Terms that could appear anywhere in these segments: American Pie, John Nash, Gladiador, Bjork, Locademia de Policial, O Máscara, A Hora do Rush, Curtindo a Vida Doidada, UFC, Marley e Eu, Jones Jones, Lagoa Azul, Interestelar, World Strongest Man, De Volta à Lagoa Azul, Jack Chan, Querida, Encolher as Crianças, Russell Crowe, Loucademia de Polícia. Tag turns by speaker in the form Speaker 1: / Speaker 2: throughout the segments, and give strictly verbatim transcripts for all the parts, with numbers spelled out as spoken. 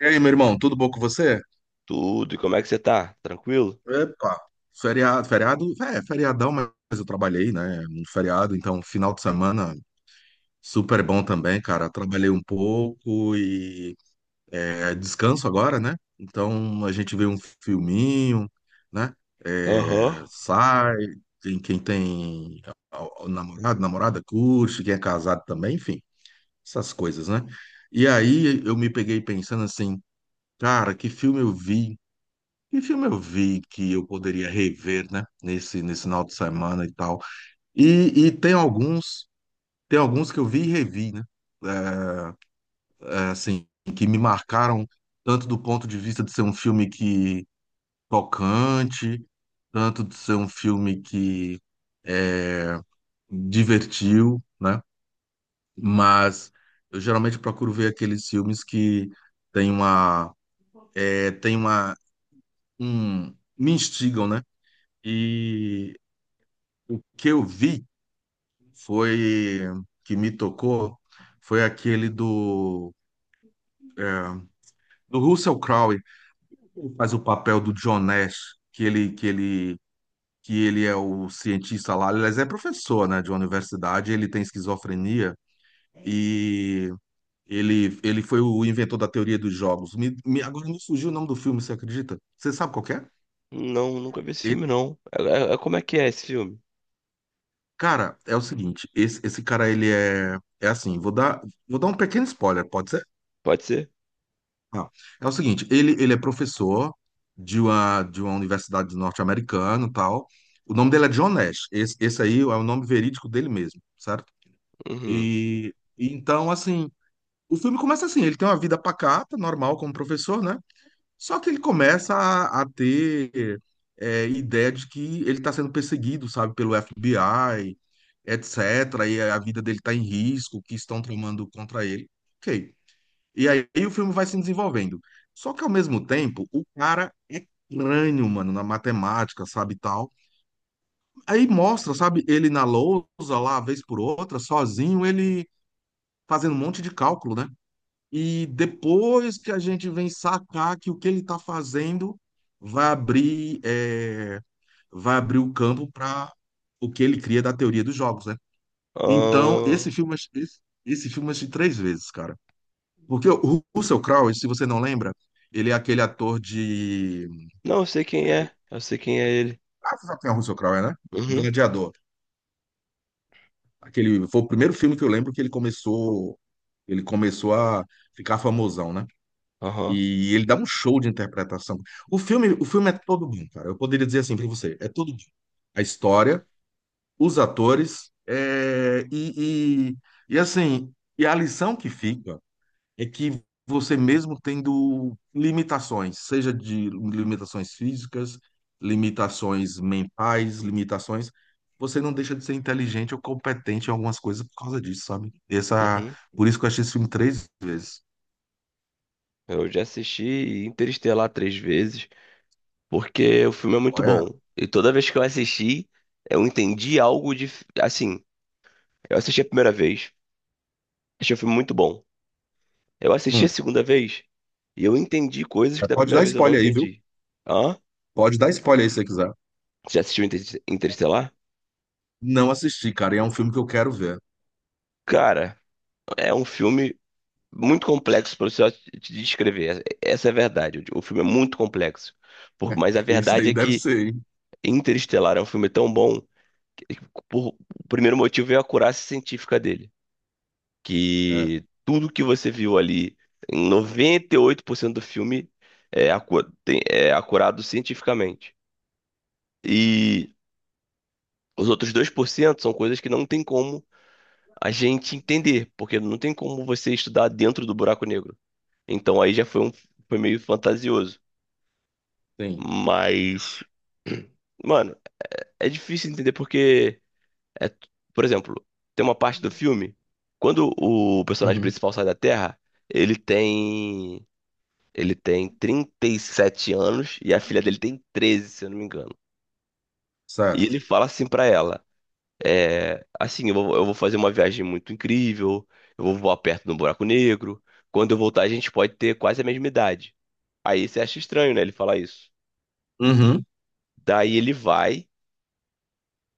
Speaker 1: E aí, meu irmão, tudo bom com você?
Speaker 2: Tudo. E como é que você tá? Tranquilo?
Speaker 1: Epa, feriado, feriado, é, feriadão, mas eu trabalhei, né, no feriado, então final de semana super bom também, cara. Trabalhei um pouco e é, descanso agora, né? Então a gente vê um filminho, né?
Speaker 2: Aham.
Speaker 1: É, sai, tem quem tem ó, ó, namorado, namorada curte, quem é casado também, enfim, essas coisas, né? E aí eu me peguei pensando assim, cara, que filme eu vi? Que filme eu vi que eu poderia rever, né? Nesse, nesse final de semana e tal. E, e tem alguns, tem alguns que eu vi e revi, né? É, é, assim, que me marcaram tanto do ponto de vista de ser um filme que tocante, tanto de ser um filme que é, divertiu, né? Mas eu geralmente procuro ver aqueles filmes que tem uma, é, tem uma, um, me instigam, né? O que eu vi foi que me tocou foi aquele do é, do Russell Crowe, que faz o papel do John Nash, que ele que ele que ele é o cientista lá, aliás, é professor, né, de uma universidade, ele tem esquizofrenia e ele ele foi o inventor da teoria dos jogos. Me, me- agora me surgiu o nome do filme, você acredita? Você sabe qual que é?
Speaker 2: Não, nunca vi esse
Speaker 1: Ele-
Speaker 2: filme, não. É, é- é- como é que é esse filme?
Speaker 1: cara, é o seguinte, esse, esse cara ele é é assim, vou dar vou dar um pequeno spoiler, pode ser?
Speaker 2: Pode ser?
Speaker 1: Não. É o seguinte, ele, ele é professor de uma, de uma universidade norte-americana e tal. O nome dele é John Nash. Esse, esse aí é o nome verídico dele mesmo, certo?
Speaker 2: Uhum.
Speaker 1: E, e então, assim, o filme começa assim, ele tem uma vida pacata, normal como professor, né? Só que ele começa a, a ter é, ideia de que ele está sendo perseguido, sabe, pelo F B I, etcétera. E a vida dele está em risco, que estão tramando contra ele. Ok. E aí o filme vai se desenvolvendo. Só que ao mesmo tempo, o cara é crânio, mano, na matemática, sabe, e tal. Aí mostra, sabe, ele na lousa lá, vez por outra, sozinho, ele fazendo um monte de cálculo, né? E depois que a gente vem sacar que o que ele tá fazendo vai abrir, é, vai abrir o campo para o que ele cria da teoria dos jogos, né? Então,
Speaker 2: Ah,
Speaker 1: esse filme, esse, esse filme eu assisti três vezes, cara. Porque o Russell Crowe, se você não lembra, ele é aquele ator de.
Speaker 2: não, eu sei quem
Speaker 1: Peraí.
Speaker 2: é. Eu sei quem é ele.
Speaker 1: Ah, você sabe quem é o Russell Crowe, é, né?
Speaker 2: Uhum.
Speaker 1: Gladiador. Aquele... Foi o primeiro filme que eu lembro que ele começou. Ele começou a ficar famosão, né?
Speaker 2: Aham.
Speaker 1: E ele dá um show de interpretação. O filme, o filme é todo bom, cara. Eu poderia dizer assim para você, é todo bom. A história, os atores, é, e, e, e assim, e a lição que fica é que você mesmo tendo limitações, seja de limitações físicas, limitações mentais, limitações, você não deixa de ser inteligente ou competente em algumas coisas por causa disso, sabe? Essa,
Speaker 2: Uhum.
Speaker 1: por isso que eu achei esse filme três vezes.
Speaker 2: Eu já assisti Interestelar três vezes, porque o filme é muito
Speaker 1: Olha,
Speaker 2: bom. E toda vez que eu assisti, eu entendi algo de. Assim, eu assisti a primeira vez, achei o filme muito bom. Eu assisti a
Speaker 1: hum,
Speaker 2: segunda vez e eu entendi coisas que da
Speaker 1: pode
Speaker 2: primeira
Speaker 1: dar
Speaker 2: vez eu não
Speaker 1: spoiler aí, viu?
Speaker 2: entendi. Hã?
Speaker 1: Pode dar spoiler aí se você quiser.
Speaker 2: Já assistiu Inter- Interestelar?
Speaker 1: Não assisti, cara, e é um filme que eu quero ver.
Speaker 2: Cara, é um filme muito complexo para você só te te descrever. Essa é a verdade. O filme é muito complexo. Por- mas a
Speaker 1: Isso
Speaker 2: verdade
Speaker 1: aí
Speaker 2: é
Speaker 1: deve
Speaker 2: que
Speaker 1: ser, hein?
Speaker 2: Interestelar é um filme tão bom que, por, o primeiro motivo é a acurácia científica dele.
Speaker 1: É,
Speaker 2: Que tudo que você viu ali, em noventa e oito por cento do filme, é, acu, tem- é acurado cientificamente. E os outros dois por cento são coisas que não tem como a gente entender, porque não tem como você estudar dentro do buraco negro. Então aí já foi um foi meio fantasioso.
Speaker 1: sim.
Speaker 2: Mas, mano, é difícil entender porque é, por exemplo, tem uma parte do filme quando o personagem
Speaker 1: Uhum,
Speaker 2: principal sai da Terra, ele tem ele tem trinta e sete anos e a filha dele tem treze, se eu não me engano. E
Speaker 1: certo.
Speaker 2: ele fala assim pra ela: É, assim, eu vou, eu vou fazer uma viagem muito incrível, eu vou voar perto do buraco negro. Quando eu voltar, a gente pode ter quase a mesma idade. Aí você acha estranho, né, ele falar isso.
Speaker 1: Uhum,
Speaker 2: Daí ele vai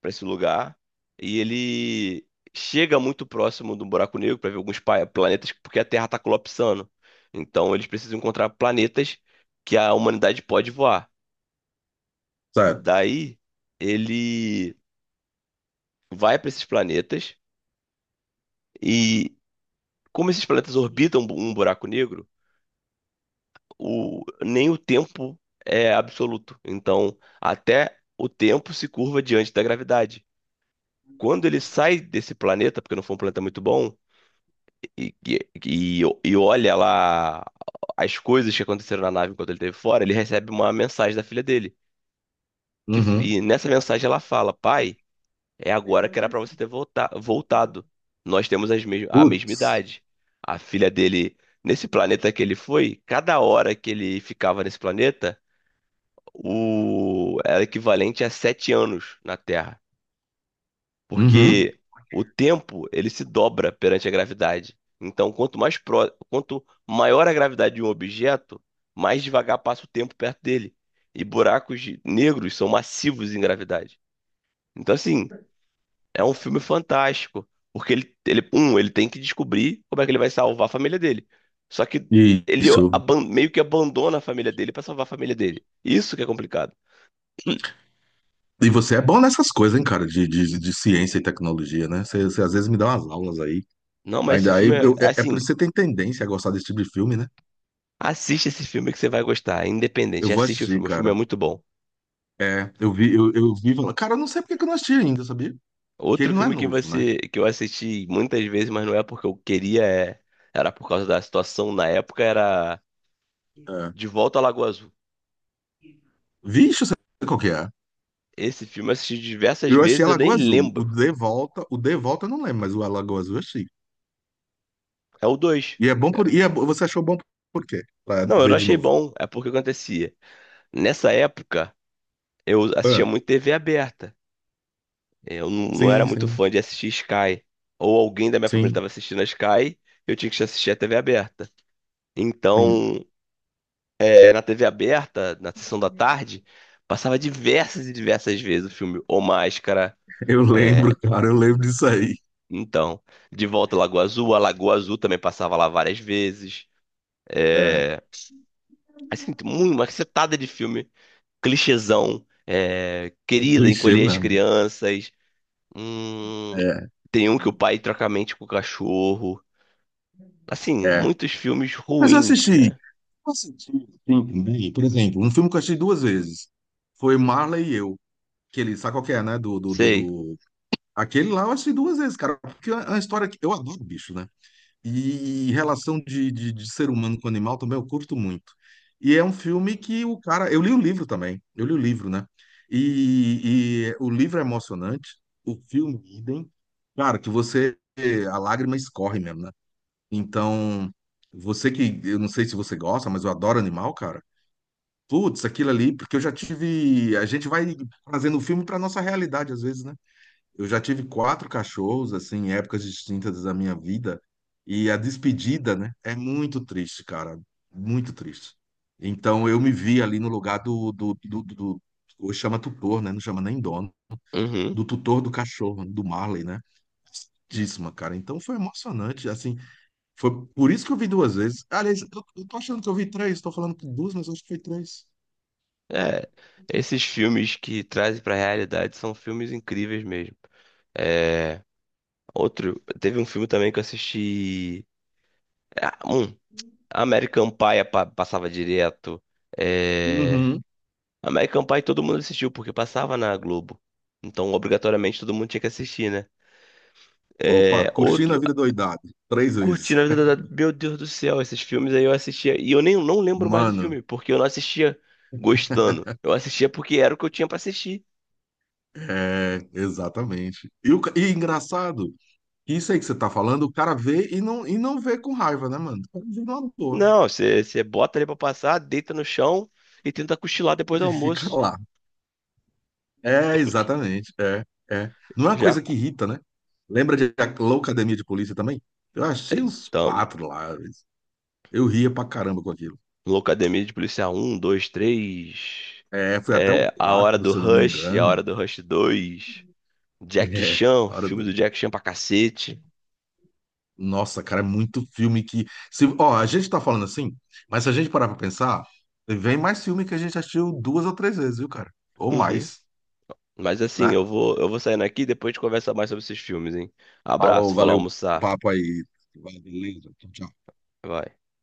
Speaker 2: pra esse lugar e ele chega muito próximo do buraco negro pra ver alguns pa- planetas, porque a Terra tá colapsando. Então eles precisam encontrar planetas que a humanidade pode voar.
Speaker 1: certo.
Speaker 2: Daí ele vai pra esses planetas e como esses planetas orbitam um buraco negro, o, nem o tempo é absoluto. Então, até o tempo se curva diante da gravidade. Quando ele sai desse planeta, porque não foi um planeta muito bom, e, e, e e olha lá as coisas que aconteceram na nave enquanto ele esteve fora, ele recebe uma mensagem da filha dele. Que, f-
Speaker 1: Uhum.
Speaker 2: e nessa mensagem ela fala: Pai, é agora que era para você ter volta- voltado. Nós temos as mes- a mesma
Speaker 1: Putz.
Speaker 2: idade. A filha dele, nesse planeta que ele foi, cada hora que ele ficava nesse planeta, o... era equivalente a sete anos na Terra,
Speaker 1: Uhum.
Speaker 2: porque o tempo ele se dobra perante a gravidade. Então, quanto mais pro... quanto maior a gravidade de um objeto, mais devagar passa o tempo perto dele. E buracos de- negros são massivos em gravidade. Então, assim, é um filme fantástico, porque ele, ele, um, ele tem que descobrir como é que ele vai salvar a família dele. Só que ele
Speaker 1: Isso.
Speaker 2: aban- meio que abandona a família dele para salvar a família dele. Isso que é complicado.
Speaker 1: E você é bom nessas coisas, hein, cara, de, de, de ciência e tecnologia, né? Você, você às vezes me dá umas aulas aí.
Speaker 2: Não, mas esse
Speaker 1: Ainda aí,
Speaker 2: filme é
Speaker 1: eu-
Speaker 2: é
Speaker 1: é, é por
Speaker 2: assim.
Speaker 1: isso que você tem tendência a gostar desse tipo de filme, né?
Speaker 2: Assiste esse filme que você vai gostar, é
Speaker 1: Eu
Speaker 2: independente.
Speaker 1: vou
Speaker 2: Assiste o
Speaker 1: assistir,
Speaker 2: filme, o filme
Speaker 1: cara.
Speaker 2: é muito bom.
Speaker 1: É, eu vi, eu, eu vi. Falar- cara, eu não sei porque que eu não assisti ainda, sabia? Que ele
Speaker 2: Outro
Speaker 1: não é
Speaker 2: filme que
Speaker 1: novo, né?
Speaker 2: você que eu assisti muitas vezes, mas não é porque eu queria, é- era por causa da situação na época, era
Speaker 1: É.
Speaker 2: De Volta à Lagoa Azul.
Speaker 1: Vixe, eu qual que é.
Speaker 2: Esse filme eu assisti diversas
Speaker 1: Eu achei
Speaker 2: vezes,
Speaker 1: a
Speaker 2: eu
Speaker 1: Lagoa
Speaker 2: nem
Speaker 1: Azul. O
Speaker 2: lembro.
Speaker 1: De Volta, o De Volta eu não lembro, mas o A Lagoa Azul eu achei.
Speaker 2: É o dois.
Speaker 1: E é bom por. E é bo- você achou bom por quê? Pra
Speaker 2: Não, eu
Speaker 1: ver
Speaker 2: não
Speaker 1: de
Speaker 2: achei
Speaker 1: novo.
Speaker 2: bom, é porque acontecia. Nessa época, eu assistia
Speaker 1: É.
Speaker 2: muito T V aberta. Eu não, não era
Speaker 1: Sim,
Speaker 2: muito
Speaker 1: sim,
Speaker 2: fã de assistir Sky. Ou alguém da minha família
Speaker 1: sim,
Speaker 2: estava assistindo a Sky, eu tinha que assistir a T V aberta.
Speaker 1: sim.
Speaker 2: Então, é, na T V aberta, na sessão da tarde, passava diversas e diversas vezes o filme O Máscara.
Speaker 1: Eu
Speaker 2: É,
Speaker 1: lembro, cara, eu lembro disso aí.
Speaker 2: então, De Volta à Lagoa Azul, a Lagoa Azul também passava lá várias vezes.
Speaker 1: É.
Speaker 2: É, assim, muito, uma cacetada de filme, clichêzão, é, Querida,
Speaker 1: Clichê
Speaker 2: Encolher as
Speaker 1: mesmo.
Speaker 2: Crianças, hum,
Speaker 1: É,
Speaker 2: tem um que o pai troca a mente com o cachorro. Assim,
Speaker 1: é.
Speaker 2: muitos filmes
Speaker 1: Mas eu
Speaker 2: ruins,
Speaker 1: assisti.
Speaker 2: né?
Speaker 1: Eu assisti, sim, também. Por exemplo, um filme que eu achei duas vezes. Foi Marley e Eu. Aquele, sabe qual que é, né? Do, do, do,
Speaker 2: Sei.
Speaker 1: do- Aquele lá eu achei duas vezes, cara. Porque é uma história que eu adoro bicho, né? E relação de, de, de ser humano com animal também eu curto muito. E é um filme que o cara. Eu li o livro também. Eu li o livro, né? E, e o livro é emocionante. O filme, idem. Cara, que você. A lágrima escorre mesmo, né? Então, você que, eu não sei se você gosta, mas eu adoro animal, cara. Putz, aquilo ali, porque eu já tive. A gente vai fazendo filme para nossa realidade, às vezes, né? Eu já tive quatro cachorros, assim, em épocas distintas da minha vida. E a despedida, né? É muito triste, cara. Muito triste. Então, eu me vi ali no lugar do, do, do, do, do- hoje chama tutor, né? Não chama nem dono.
Speaker 2: Uhum.
Speaker 1: Do tutor do cachorro, do Marley, né? Tristíssima, cara. Então foi emocionante. Assim, foi por isso que eu vi duas vezes. Aliás, eu, eu tô achando que eu vi três, tô falando que duas, mas eu acho que foi três.
Speaker 2: É, esses filmes que trazem pra realidade são filmes incríveis mesmo. É, outro, teve um filme também que eu assisti. Ah, Um, American Pie pa- passava direto. É,
Speaker 1: Uhum.
Speaker 2: American Pie todo mundo assistiu porque passava na Globo. Então, obrigatoriamente, todo mundo tinha que assistir, né?
Speaker 1: Opa,
Speaker 2: É,
Speaker 1: curtindo a
Speaker 2: outro,
Speaker 1: vida doidado. Três vezes.
Speaker 2: Curtindo a Vida Doidada. Meu Deus do céu, esses filmes aí eu assistia. E eu nem não lembro mais do
Speaker 1: Mano,
Speaker 2: filme, porque eu não assistia gostando. Eu assistia porque era o que eu tinha pra assistir.
Speaker 1: é, exatamente. E, o, ca- e engraçado, isso aí que você tá falando, o cara vê e não, e não vê com raiva, né, mano? O cara vê numa boa.
Speaker 2: Não, você você bota ali pra passar, deita no chão e tenta cochilar depois do
Speaker 1: Ele fica
Speaker 2: almoço.
Speaker 1: lá. É, exatamente. É, é. Não é uma
Speaker 2: Já
Speaker 1: coisa que
Speaker 2: co-
Speaker 1: irrita, né? Lembra de Loucademia de Polícia também? Eu achei uns
Speaker 2: tam-
Speaker 1: quatro lá. Eu ria pra caramba com aquilo.
Speaker 2: Locademia de Policial um, dois, três.
Speaker 1: É, foi até o
Speaker 2: É, A Hora
Speaker 1: quatro,
Speaker 2: do
Speaker 1: se eu não me
Speaker 2: Rush, A
Speaker 1: engano.
Speaker 2: Hora do Rush dois. Jack
Speaker 1: É,
Speaker 2: Chan,
Speaker 1: a hora
Speaker 2: filme
Speaker 1: do...
Speaker 2: do Jack Chan pra cacete.
Speaker 1: Nossa, cara, é muito filme que. Se... Ó, a gente tá falando assim, mas se a gente parar pra pensar, vem mais filme que a gente assistiu duas ou três vezes, viu, cara? Ou
Speaker 2: Uhum.
Speaker 1: mais,
Speaker 2: Mas assim,
Speaker 1: né?
Speaker 2: eu vou, eu vou saindo aqui e depois a gente conversa mais sobre esses filmes, hein?
Speaker 1: Falou,
Speaker 2: Abraço, vou lá
Speaker 1: valeu o
Speaker 2: almoçar.
Speaker 1: papo aí. Beleza, tchau. Tchau.
Speaker 2: Vai.